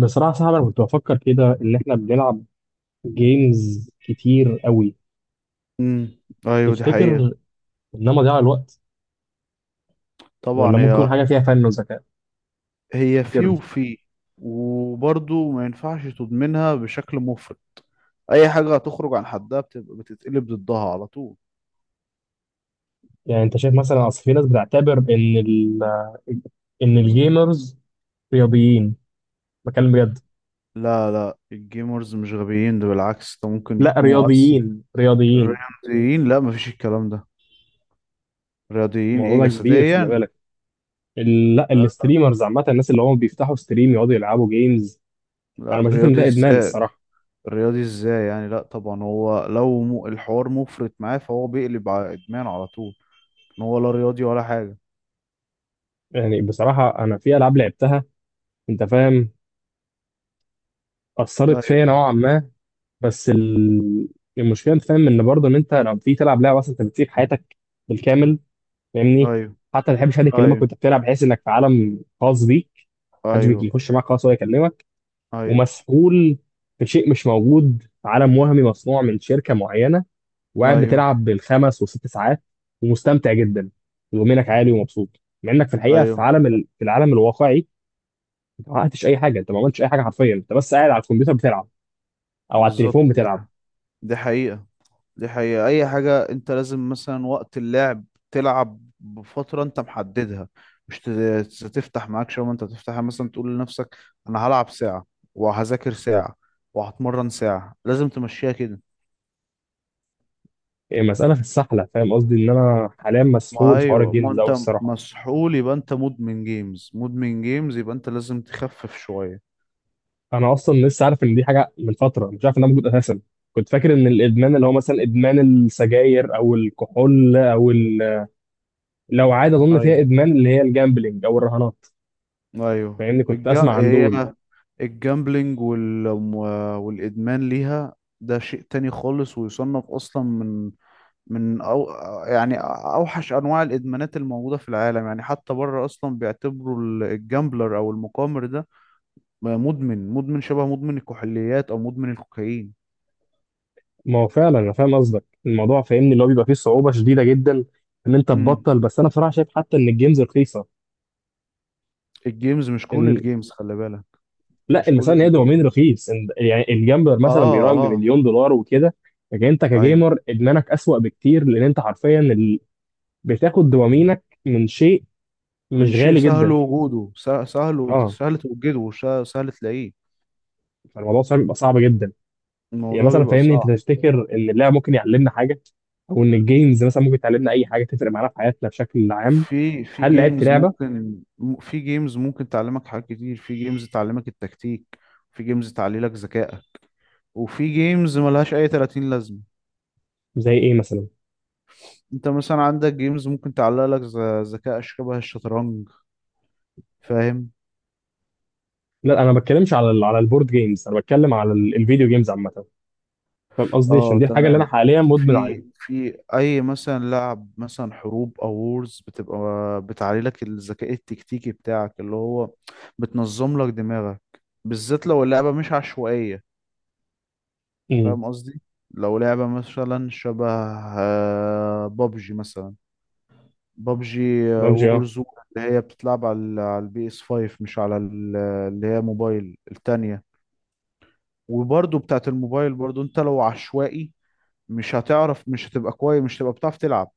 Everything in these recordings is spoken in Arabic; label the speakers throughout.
Speaker 1: بصراحة صعب. أنا كنت بفكر كده إن إحنا بنلعب جيمز كتير قوي.
Speaker 2: امم ايوه، دي حقيقة.
Speaker 1: تفتكر إنها مضيعة الوقت؟
Speaker 2: طبعا
Speaker 1: ولا ممكن
Speaker 2: هي.
Speaker 1: يكون حاجة فيها فن وذكاء؟
Speaker 2: هي في
Speaker 1: تفتكر؟
Speaker 2: وفي. وبرضه ما ينفعش تضمنها بشكل مفرط. اي حاجة هتخرج عن حدها بتبقى بتتقلب ضدها على طول.
Speaker 1: يعني أنت شايف مثلا، أصل في ناس بتعتبر إن إن الجيمرز رياضيين، بكلم بجد.
Speaker 2: لا، لا، الجيمرز مش غبيين، ده بالعكس، ده ممكن
Speaker 1: لا
Speaker 2: يكونوا
Speaker 1: رياضيين رياضيين.
Speaker 2: الرياضيين. لا، مفيش الكلام ده. رياضيين ايه
Speaker 1: الموضوع ده كبير، خلي
Speaker 2: جسديا؟
Speaker 1: بالك. لا الستريمرز، عامة الناس اللي هم بيفتحوا ستريم يقعدوا يلعبوا جيمز. أنا
Speaker 2: لا،
Speaker 1: بشوف إن
Speaker 2: رياضي
Speaker 1: ده إدمان
Speaker 2: ازاي؟
Speaker 1: الصراحة.
Speaker 2: يعني لا، طبعا هو لو الحوار مفرط معاه فهو بيقلب على ادمان على طول. ان هو لا رياضي ولا حاجة.
Speaker 1: يعني بصراحة أنا في ألعاب لعبتها، أنت فاهم، أثرت
Speaker 2: ايوه،
Speaker 1: فيا نوعا ما. بس المشكله انت فاهم ان برضه ان انت لما بتيجي تلعب لعبه اصلا انت بتسيب حياتك بالكامل، فاهمني.
Speaker 2: ايوه،
Speaker 1: حتى ما تحبش حد يكلمك وانت
Speaker 2: ايوه،
Speaker 1: بتلعب، بحيث انك في عالم خاص بيك، محدش
Speaker 2: ايوه،
Speaker 1: بيخش معاك خالص ولا يكلمك.
Speaker 2: ايوه،
Speaker 1: ومسؤول في شيء مش موجود، في عالم وهمي مصنوع من شركه معينه، وقاعد
Speaker 2: ايوه،
Speaker 1: بتلعب بالخمس وست ساعات ومستمتع جدا ومنك عالي ومبسوط، مع انك في الحقيقه
Speaker 2: ايوه،
Speaker 1: في العالم الواقعي، انت ما حققتش اي حاجه، انت ما عملتش اي حاجه، حرفيا انت بس قاعد على الكمبيوتر بتلعب او على التليفون
Speaker 2: بالظبط.
Speaker 1: بتلعب.
Speaker 2: دي حقيقة. دي حقيقة. اي حاجة، انت لازم مثلا وقت اللعب تلعب بفترة انت محددها، مش تفتح معاك شوية، انت تفتحها مثلا، تقول لنفسك: انا هلعب ساعة، وهذاكر ساعة، وهتمرن ساعة، لازم تمشيها كده.
Speaker 1: إيه، مسألة في السحلة، فاهم قصدي؟ إن أنا حاليا
Speaker 2: ما
Speaker 1: مسحول في حوار
Speaker 2: ايوه، ما
Speaker 1: الجيمز ده أوي
Speaker 2: انت
Speaker 1: الصراحة.
Speaker 2: مسحول، يبقى انت مدمن جيمز، مدمن جيمز، يبقى انت لازم تخفف شوية.
Speaker 1: أنا أصلا لسه عارف إن دي حاجة من فترة، مش عارف إنها موجود أساسا. كنت فاكر إن الإدمان اللي هو مثلا إدمان السجاير أو الكحول لو عادة أظن فيها إدمان، اللي هي الجامبلينج أو الرهانات،
Speaker 2: ايوه،
Speaker 1: فاهمني كنت أسمع عن دول.
Speaker 2: هي الجامبلينج، والادمان ليها، ده شيء تاني خالص، ويصنف اصلا من، من أو... يعني اوحش انواع الادمانات الموجوده في العالم. يعني حتى بره اصلا بيعتبروا الجامبلر او المقامر ده مدمن، شبه مدمن الكحوليات او مدمن الكوكايين.
Speaker 1: ما هو فعلا أنا فاهم قصدك، الموضوع فاهمني اللي هو بيبقى فيه صعوبة شديدة جدا إن أنت
Speaker 2: امم
Speaker 1: تبطل، بس أنا بصراحة شايف حتى إن الجيمز رخيصة.
Speaker 2: الجيمز، مش كل
Speaker 1: إن
Speaker 2: الجيمز خلي بالك.
Speaker 1: لا،
Speaker 2: مش
Speaker 1: المسألة
Speaker 2: كل
Speaker 1: ان هي دوبامين
Speaker 2: الجيمز.
Speaker 1: رخيص، يعني الجامبر
Speaker 2: اه،
Speaker 1: مثلا بيراهن
Speaker 2: اه.
Speaker 1: بمليون دولار وكده. لكن انت
Speaker 2: ايوه،
Speaker 1: كجيمر ادمانك اسوأ بكتير، لان انت حرفيا بتاخد دوبامينك من شيء
Speaker 2: من
Speaker 1: مش
Speaker 2: شيء
Speaker 1: غالي
Speaker 2: سهل
Speaker 1: جدا.
Speaker 2: وجوده، سهل
Speaker 1: اه،
Speaker 2: سهل توجده، وسهل تلاقيه.
Speaker 1: فالموضوع صعب، بيبقى صعب جدا. يعني
Speaker 2: الموضوع
Speaker 1: مثلا
Speaker 2: بيبقى
Speaker 1: فاهمني، انت
Speaker 2: صعب.
Speaker 1: تفتكر ان اللعب ممكن يعلمنا حاجة؟ او ان الجيمز مثلا ممكن تعلمنا اي حاجة تفرق معانا في حياتنا بشكل عام؟
Speaker 2: في
Speaker 1: هل لعبت
Speaker 2: جيمز
Speaker 1: لعبة؟
Speaker 2: ممكن في جيمز ممكن تعلمك حاجات كتير، في جيمز تعلمك التكتيك، في جيمز تعلي لك ذكائك، وفي جيمز ملهاش اي 30 لازمة.
Speaker 1: زي ايه مثلا؟
Speaker 2: انت مثلا عندك جيمز ممكن تعلق لك ذكاء شبه الشطرنج، فاهم؟
Speaker 1: لا انا ما بتكلمش على البورد جيمز، انا بتكلم على الفيديو جيمز عامة، فاهم قصدي؟ عشان
Speaker 2: اه،
Speaker 1: دي الحاجة اللي انا
Speaker 2: تمام.
Speaker 1: حاليا مدمن عليها.
Speaker 2: في اي مثلا لعب مثلا حروب او وورز، بتبقى بتعلي لك الذكاء التكتيكي بتاعك، اللي هو بتنظم لك دماغك، بالذات لو اللعبة مش عشوائية.
Speaker 1: امم.
Speaker 2: فاهم قصدي؟ لو لعبة مثلا شبه، بابجي مثلا، بابجي،
Speaker 1: ببجي.
Speaker 2: وورزون، اللي هي بتتلعب على البي اس 5، مش على اللي هي موبايل التانية. وبرضو بتاعت الموبايل برضو، انت لو عشوائي، مش هتعرف، مش هتبقى كويس، مش هتبقى بتعرف تلعب.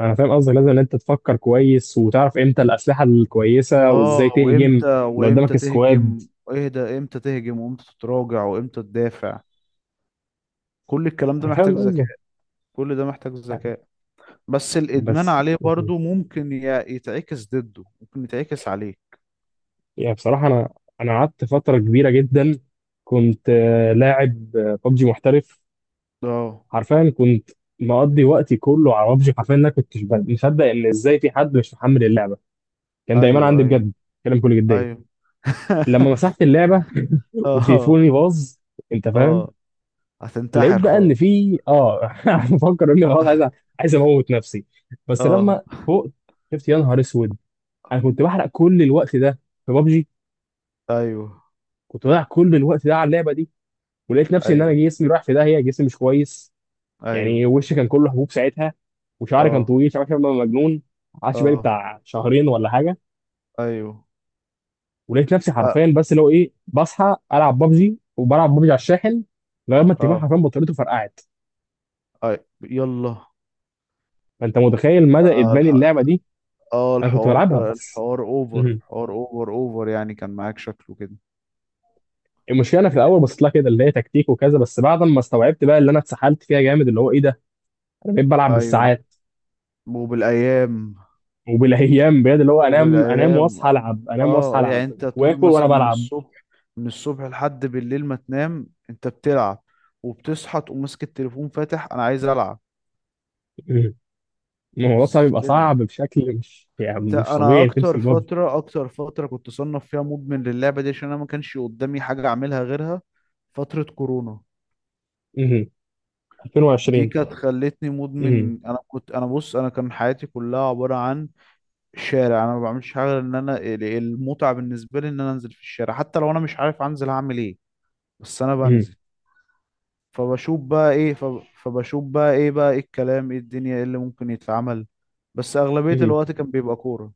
Speaker 1: انا فاهم قصدك، لازم ان انت تفكر كويس وتعرف امتى الاسلحه الكويسه وازاي
Speaker 2: اه،
Speaker 1: تهجم لو
Speaker 2: وامتى
Speaker 1: قدامك سكواد.
Speaker 2: تهجم. ايه ده، امتى تهجم، وامتى تتراجع، وامتى تدافع، كل الكلام ده
Speaker 1: انا
Speaker 2: محتاج
Speaker 1: فاهم
Speaker 2: ذكاء.
Speaker 1: قصدك
Speaker 2: كل ده محتاج ذكاء. بس الادمان
Speaker 1: بس.
Speaker 2: عليه برضو ممكن يتعكس ضده، ممكن يتعكس عليه.
Speaker 1: يعني بصراحه انا قعدت فتره كبيره جدا. كنت لاعب ببجي محترف.
Speaker 2: اه،
Speaker 1: حرفيا كنت مقضي وقتي كله على ببجي، حرفيا انا كنت مصدق ان ازاي في حد مش محمل اللعبه. كان دايما
Speaker 2: ايوه،
Speaker 1: عندي
Speaker 2: ايوه،
Speaker 1: بجد كلام كل جديه.
Speaker 2: ايوه.
Speaker 1: لما مسحت اللعبه
Speaker 2: اه،
Speaker 1: وتليفوني باظ، انت فاهم،
Speaker 2: اه.
Speaker 1: لقيت
Speaker 2: هتنتحر
Speaker 1: بقى ان
Speaker 2: خلاص.
Speaker 1: في بفكر اني خلاص عايز اموت نفسي. بس
Speaker 2: اه،
Speaker 1: لما فوقت شفت يا نهار اسود، انا كنت بحرق كل الوقت ده في بابجي،
Speaker 2: ايوه،
Speaker 1: كنت بضيع كل الوقت ده على اللعبه دي. ولقيت نفسي ان انا
Speaker 2: ايوه،
Speaker 1: جسمي رايح في داهيه، جسمي مش كويس.
Speaker 2: ايوه،
Speaker 1: يعني وشي كان كله حبوب ساعتها، وشعري كان
Speaker 2: اه،
Speaker 1: طويل، شعري شبه مجنون. قعدت بالي
Speaker 2: اه،
Speaker 1: بتاع شهرين ولا حاجه،
Speaker 2: ايوه،
Speaker 1: ولقيت نفسي
Speaker 2: لا،
Speaker 1: حرفيا بس اللي هو ايه، بصحى العب بابجي وبلعب بابجي على الشاحن لغايه ما التليفون
Speaker 2: اه،
Speaker 1: حرفيا بطاريته فرقعت.
Speaker 2: اي، يلا،
Speaker 1: فانت متخيل مدى
Speaker 2: اه،
Speaker 1: ادمان اللعبه دي. انا كنت
Speaker 2: الحوار
Speaker 1: بلعبها بس.
Speaker 2: الحوار اوفر،
Speaker 1: مم.
Speaker 2: حوار اوفر اوفر يعني، كان معاك شكله كده.
Speaker 1: المشكله انا في الاول بصيت لها كده، اللي هي تكتيك وكذا، بس بعد ما استوعبت بقى اللي انا اتسحلت فيها جامد، اللي هو ايه ده، انا بقيت بلعب
Speaker 2: ايوه،
Speaker 1: بالساعات
Speaker 2: وبالايام
Speaker 1: وبالايام، بجد اللي هو انام انام
Speaker 2: وبالايام،
Speaker 1: واصحى العب، انام واصحى
Speaker 2: اه،
Speaker 1: العب
Speaker 2: يعني انت طول
Speaker 1: واكل وانا
Speaker 2: مثلا
Speaker 1: بلعب.
Speaker 2: من الصبح لحد بالليل ما تنام انت بتلعب، وبتصحى تقوم ماسك التليفون فاتح: انا عايز العب.
Speaker 1: مم. الموضوع صعب، بيبقى
Speaker 2: كده،
Speaker 1: صعب بشكل مش، يعني مش
Speaker 2: انا
Speaker 1: طبيعي، إنك تمسك بابجي.
Speaker 2: اكتر فتره كنت صنف فيها مدمن للعبه دي، عشان انا ما كانش قدامي حاجه اعملها غيرها. فتره كورونا
Speaker 1: مهم.
Speaker 2: دي
Speaker 1: 2020.
Speaker 2: كانت خلتني
Speaker 1: مهم.
Speaker 2: مدمن. انا كنت، انا بص، انا كان حياتي كلها عباره عن شارع، انا ما بعملش حاجه غير ان انا، المتعه بالنسبه لي ان انا انزل في الشارع، حتى لو انا مش عارف انزل هعمل ايه، بس انا
Speaker 1: مهم.
Speaker 2: بنزل، فبشوف بقى ايه. بقى ايه الكلام، ايه الدنيا، ايه اللي ممكن يتعمل. بس اغلبية
Speaker 1: مهم.
Speaker 2: الوقت كان بيبقى كورة.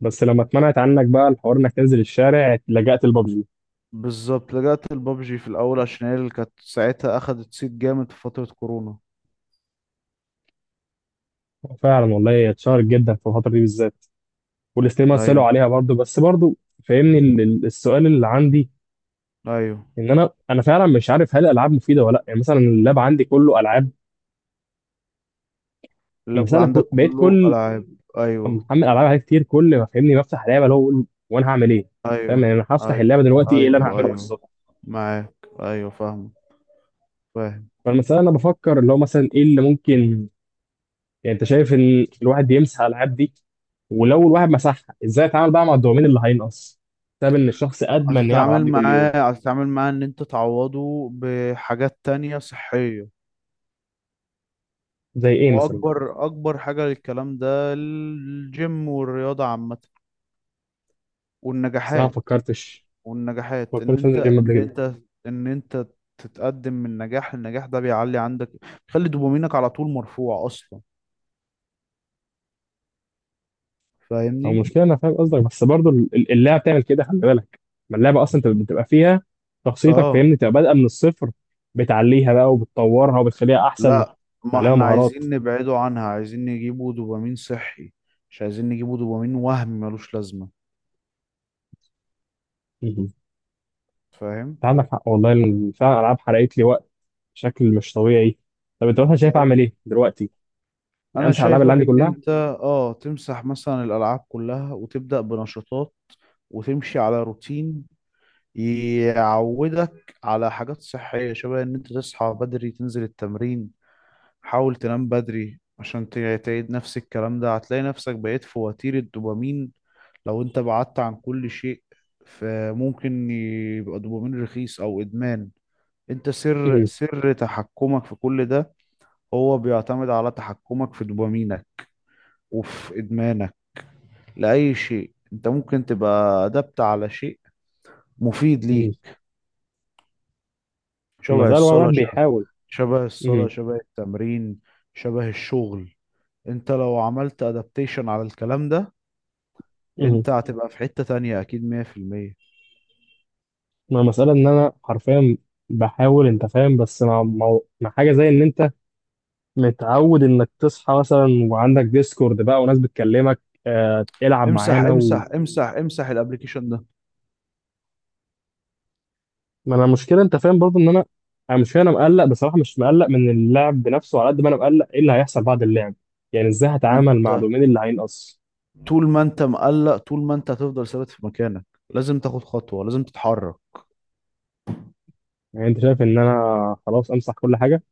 Speaker 1: بس لما اتمنعت عنك بقى الحوار انك تنزل الشارع، لجأت لبابجي.
Speaker 2: بالظبط، لجأت البابجي في الاول، عشان هي اللي كانت ساعتها اخدت صيت جامد في فترة كورونا.
Speaker 1: فعلا والله اتشهرت جدا في الفتره دي بالذات، والاثنين مثلوا
Speaker 2: ايوه،
Speaker 1: عليها برضو، بس برضو فاهمني، السؤال اللي عندي،
Speaker 2: ايوه.
Speaker 1: ان انا فعلا مش عارف هل الالعاب مفيده ولا لا. يعني مثلا اللاب عندي كله العاب،
Speaker 2: اللاب
Speaker 1: مثلا انا
Speaker 2: عندك
Speaker 1: بقيت
Speaker 2: كله
Speaker 1: كل
Speaker 2: العاب.
Speaker 1: أما
Speaker 2: ايوه،
Speaker 1: محمل العاب عليه كتير، كل ما فاهمني بفتح لعبه اللي هو بقول وانا هعمل ايه؟ فاهم
Speaker 2: ايوه،
Speaker 1: يعني؟ انا هفتح
Speaker 2: ايوه،
Speaker 1: اللعبه دلوقتي ايه اللي انا
Speaker 2: ايوه،
Speaker 1: هعمله
Speaker 2: ايوه،
Speaker 1: بالظبط؟
Speaker 2: معاك، ايوه، فاهم. فاهم.
Speaker 1: فالمساله انا بفكر اللي هو مثلا ايه اللي ممكن، يعني انت شايف ان الواحد يمسح الالعاب دي؟ ولو الواحد مسحها، ازاي اتعامل بقى مع الدوبامين اللي هينقص بسبب ان الشخص ادمن إنه يلعب العاب دي كل يوم؟
Speaker 2: هتتعامل معاه ان انت تعوضه بحاجات تانية صحية.
Speaker 1: زي ايه مثلا؟
Speaker 2: واكبر اكبر حاجه للكلام ده: الجيم، والرياضه عامه،
Speaker 1: بس انا ما
Speaker 2: والنجاحات،
Speaker 1: فكرتش
Speaker 2: والنجاحات ان
Speaker 1: فكرتش
Speaker 2: انت
Speaker 1: انزل جيم قبل
Speaker 2: ان
Speaker 1: كده.
Speaker 2: انت ان انت تتقدم من نجاح لنجاح، ده بيعلي عندك، بيخلي دوبامينك على طول مرفوع اصلا،
Speaker 1: هو
Speaker 2: فاهمني.
Speaker 1: المشكله انا فاهم قصدك، بس برضو اللعبه بتعمل كده خلي بالك. ما اللعبه اصلا انت بتبقى فيها شخصيتك
Speaker 2: اه،
Speaker 1: فاهمني، تبقى بادئه من الصفر، بتعليها بقى وبتطورها وبتخليها احسن،
Speaker 2: لا، ما
Speaker 1: تعلمها
Speaker 2: احنا
Speaker 1: مهارات.
Speaker 2: عايزين نبعده عنها، عايزين نجيبه دوبامين صحي، مش عايزين نجيبه دوبامين وهم ملوش لازمه،
Speaker 1: مهم. انت
Speaker 2: فاهم؟
Speaker 1: عندك حق والله، فعلا الالعاب حرقت لي وقت بشكل مش طبيعي. طب انت مثلا شايف اعمل
Speaker 2: ده
Speaker 1: ايه دلوقتي؟ يعني
Speaker 2: انا
Speaker 1: امسح الالعاب اللي
Speaker 2: شايفك
Speaker 1: عندي
Speaker 2: ان
Speaker 1: كلها؟
Speaker 2: انت، اه تمسح مثلا الالعاب كلها، وتبدا بنشاطات، وتمشي على روتين، يعودك على حاجات صحيه، شبه ان انت تصحى بدري، تنزل التمرين، حاول تنام بدري، عشان تعيد نفس الكلام ده هتلاقي نفسك بقيت في وتيره دوبامين. لو انت بعدت عن كل شيء فممكن يبقى دوبامين رخيص او ادمان. انت
Speaker 1: مهم.
Speaker 2: سر تحكمك في كل ده، هو بيعتمد على تحكمك في دوبامينك وفي إدمانك لأي شيء. أنت ممكن تبقى أدبت على شيء مفيد
Speaker 1: مهم.
Speaker 2: ليك، شبه
Speaker 1: المساله هو الواحد
Speaker 2: الصلاة، شبه
Speaker 1: بيحاول.
Speaker 2: شبه الصلاة،
Speaker 1: مهم.
Speaker 2: شبه التمرين، شبه الشغل. أنت لو عملت أدابتيشن على الكلام ده،
Speaker 1: مهم.
Speaker 2: أنت هتبقى في حتة تانية أكيد 100%.
Speaker 1: ما المساله ان انا حرفيا بحاول، انت فاهم، بس مع حاجه زي ان انت متعود انك تصحى مثلا وعندك ديسكورد بقى وناس بتكلمك، آه العب
Speaker 2: امسح،
Speaker 1: معانا و...
Speaker 2: امسح، امسح، امسح الابليكيشن ده.
Speaker 1: ما انا المشكله انت فاهم برضو ان انا مش، انا مقلق بصراحه، مش مقلق من اللعب بنفسه على قد ما انا مقلق ايه اللي هيحصل بعد اللعب. يعني ازاي
Speaker 2: ما
Speaker 1: هتعامل مع
Speaker 2: انت،
Speaker 1: دومين اللي هينقص؟
Speaker 2: طول ما انت مقلق، طول ما انت هتفضل ثابت في مكانك، لازم تاخد خطوة، لازم تتحرك.
Speaker 1: يعني انت شايف ان انا خلاص امسح كل حاجه؟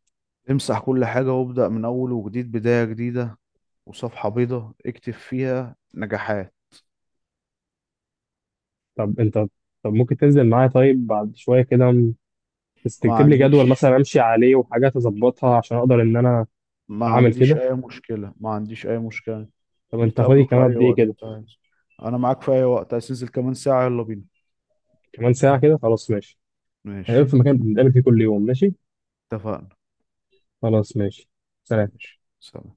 Speaker 2: امسح كل حاجة وابدأ من أول وجديد، بداية جديدة، وصفحة بيضة اكتب فيها نجاحات.
Speaker 1: طب انت طب ممكن تنزل معايا طيب بعد شويه كده بس
Speaker 2: ما
Speaker 1: تكتب لي جدول
Speaker 2: عنديش
Speaker 1: مثلا امشي عليه وحاجات اظبطها عشان اقدر ان انا
Speaker 2: ما
Speaker 1: اعمل
Speaker 2: عنديش
Speaker 1: كده.
Speaker 2: أي مشكلة، ما عنديش أي مشكلة.
Speaker 1: طب انت فاضي
Speaker 2: نتقابلوا في
Speaker 1: كمان
Speaker 2: أي
Speaker 1: قد ايه
Speaker 2: وقت،
Speaker 1: كده؟
Speaker 2: طيب. أنا معاك في أي وقت، عايز تنزل كمان ساعة يلا بينا.
Speaker 1: كمان ساعه كده خلاص ماشي.
Speaker 2: ماشي،
Speaker 1: هنقابل في مكان بنتقابل فيه كل يوم، ماشي.
Speaker 2: اتفقنا.
Speaker 1: خلاص ماشي. سلام.
Speaker 2: ماشي، سلام.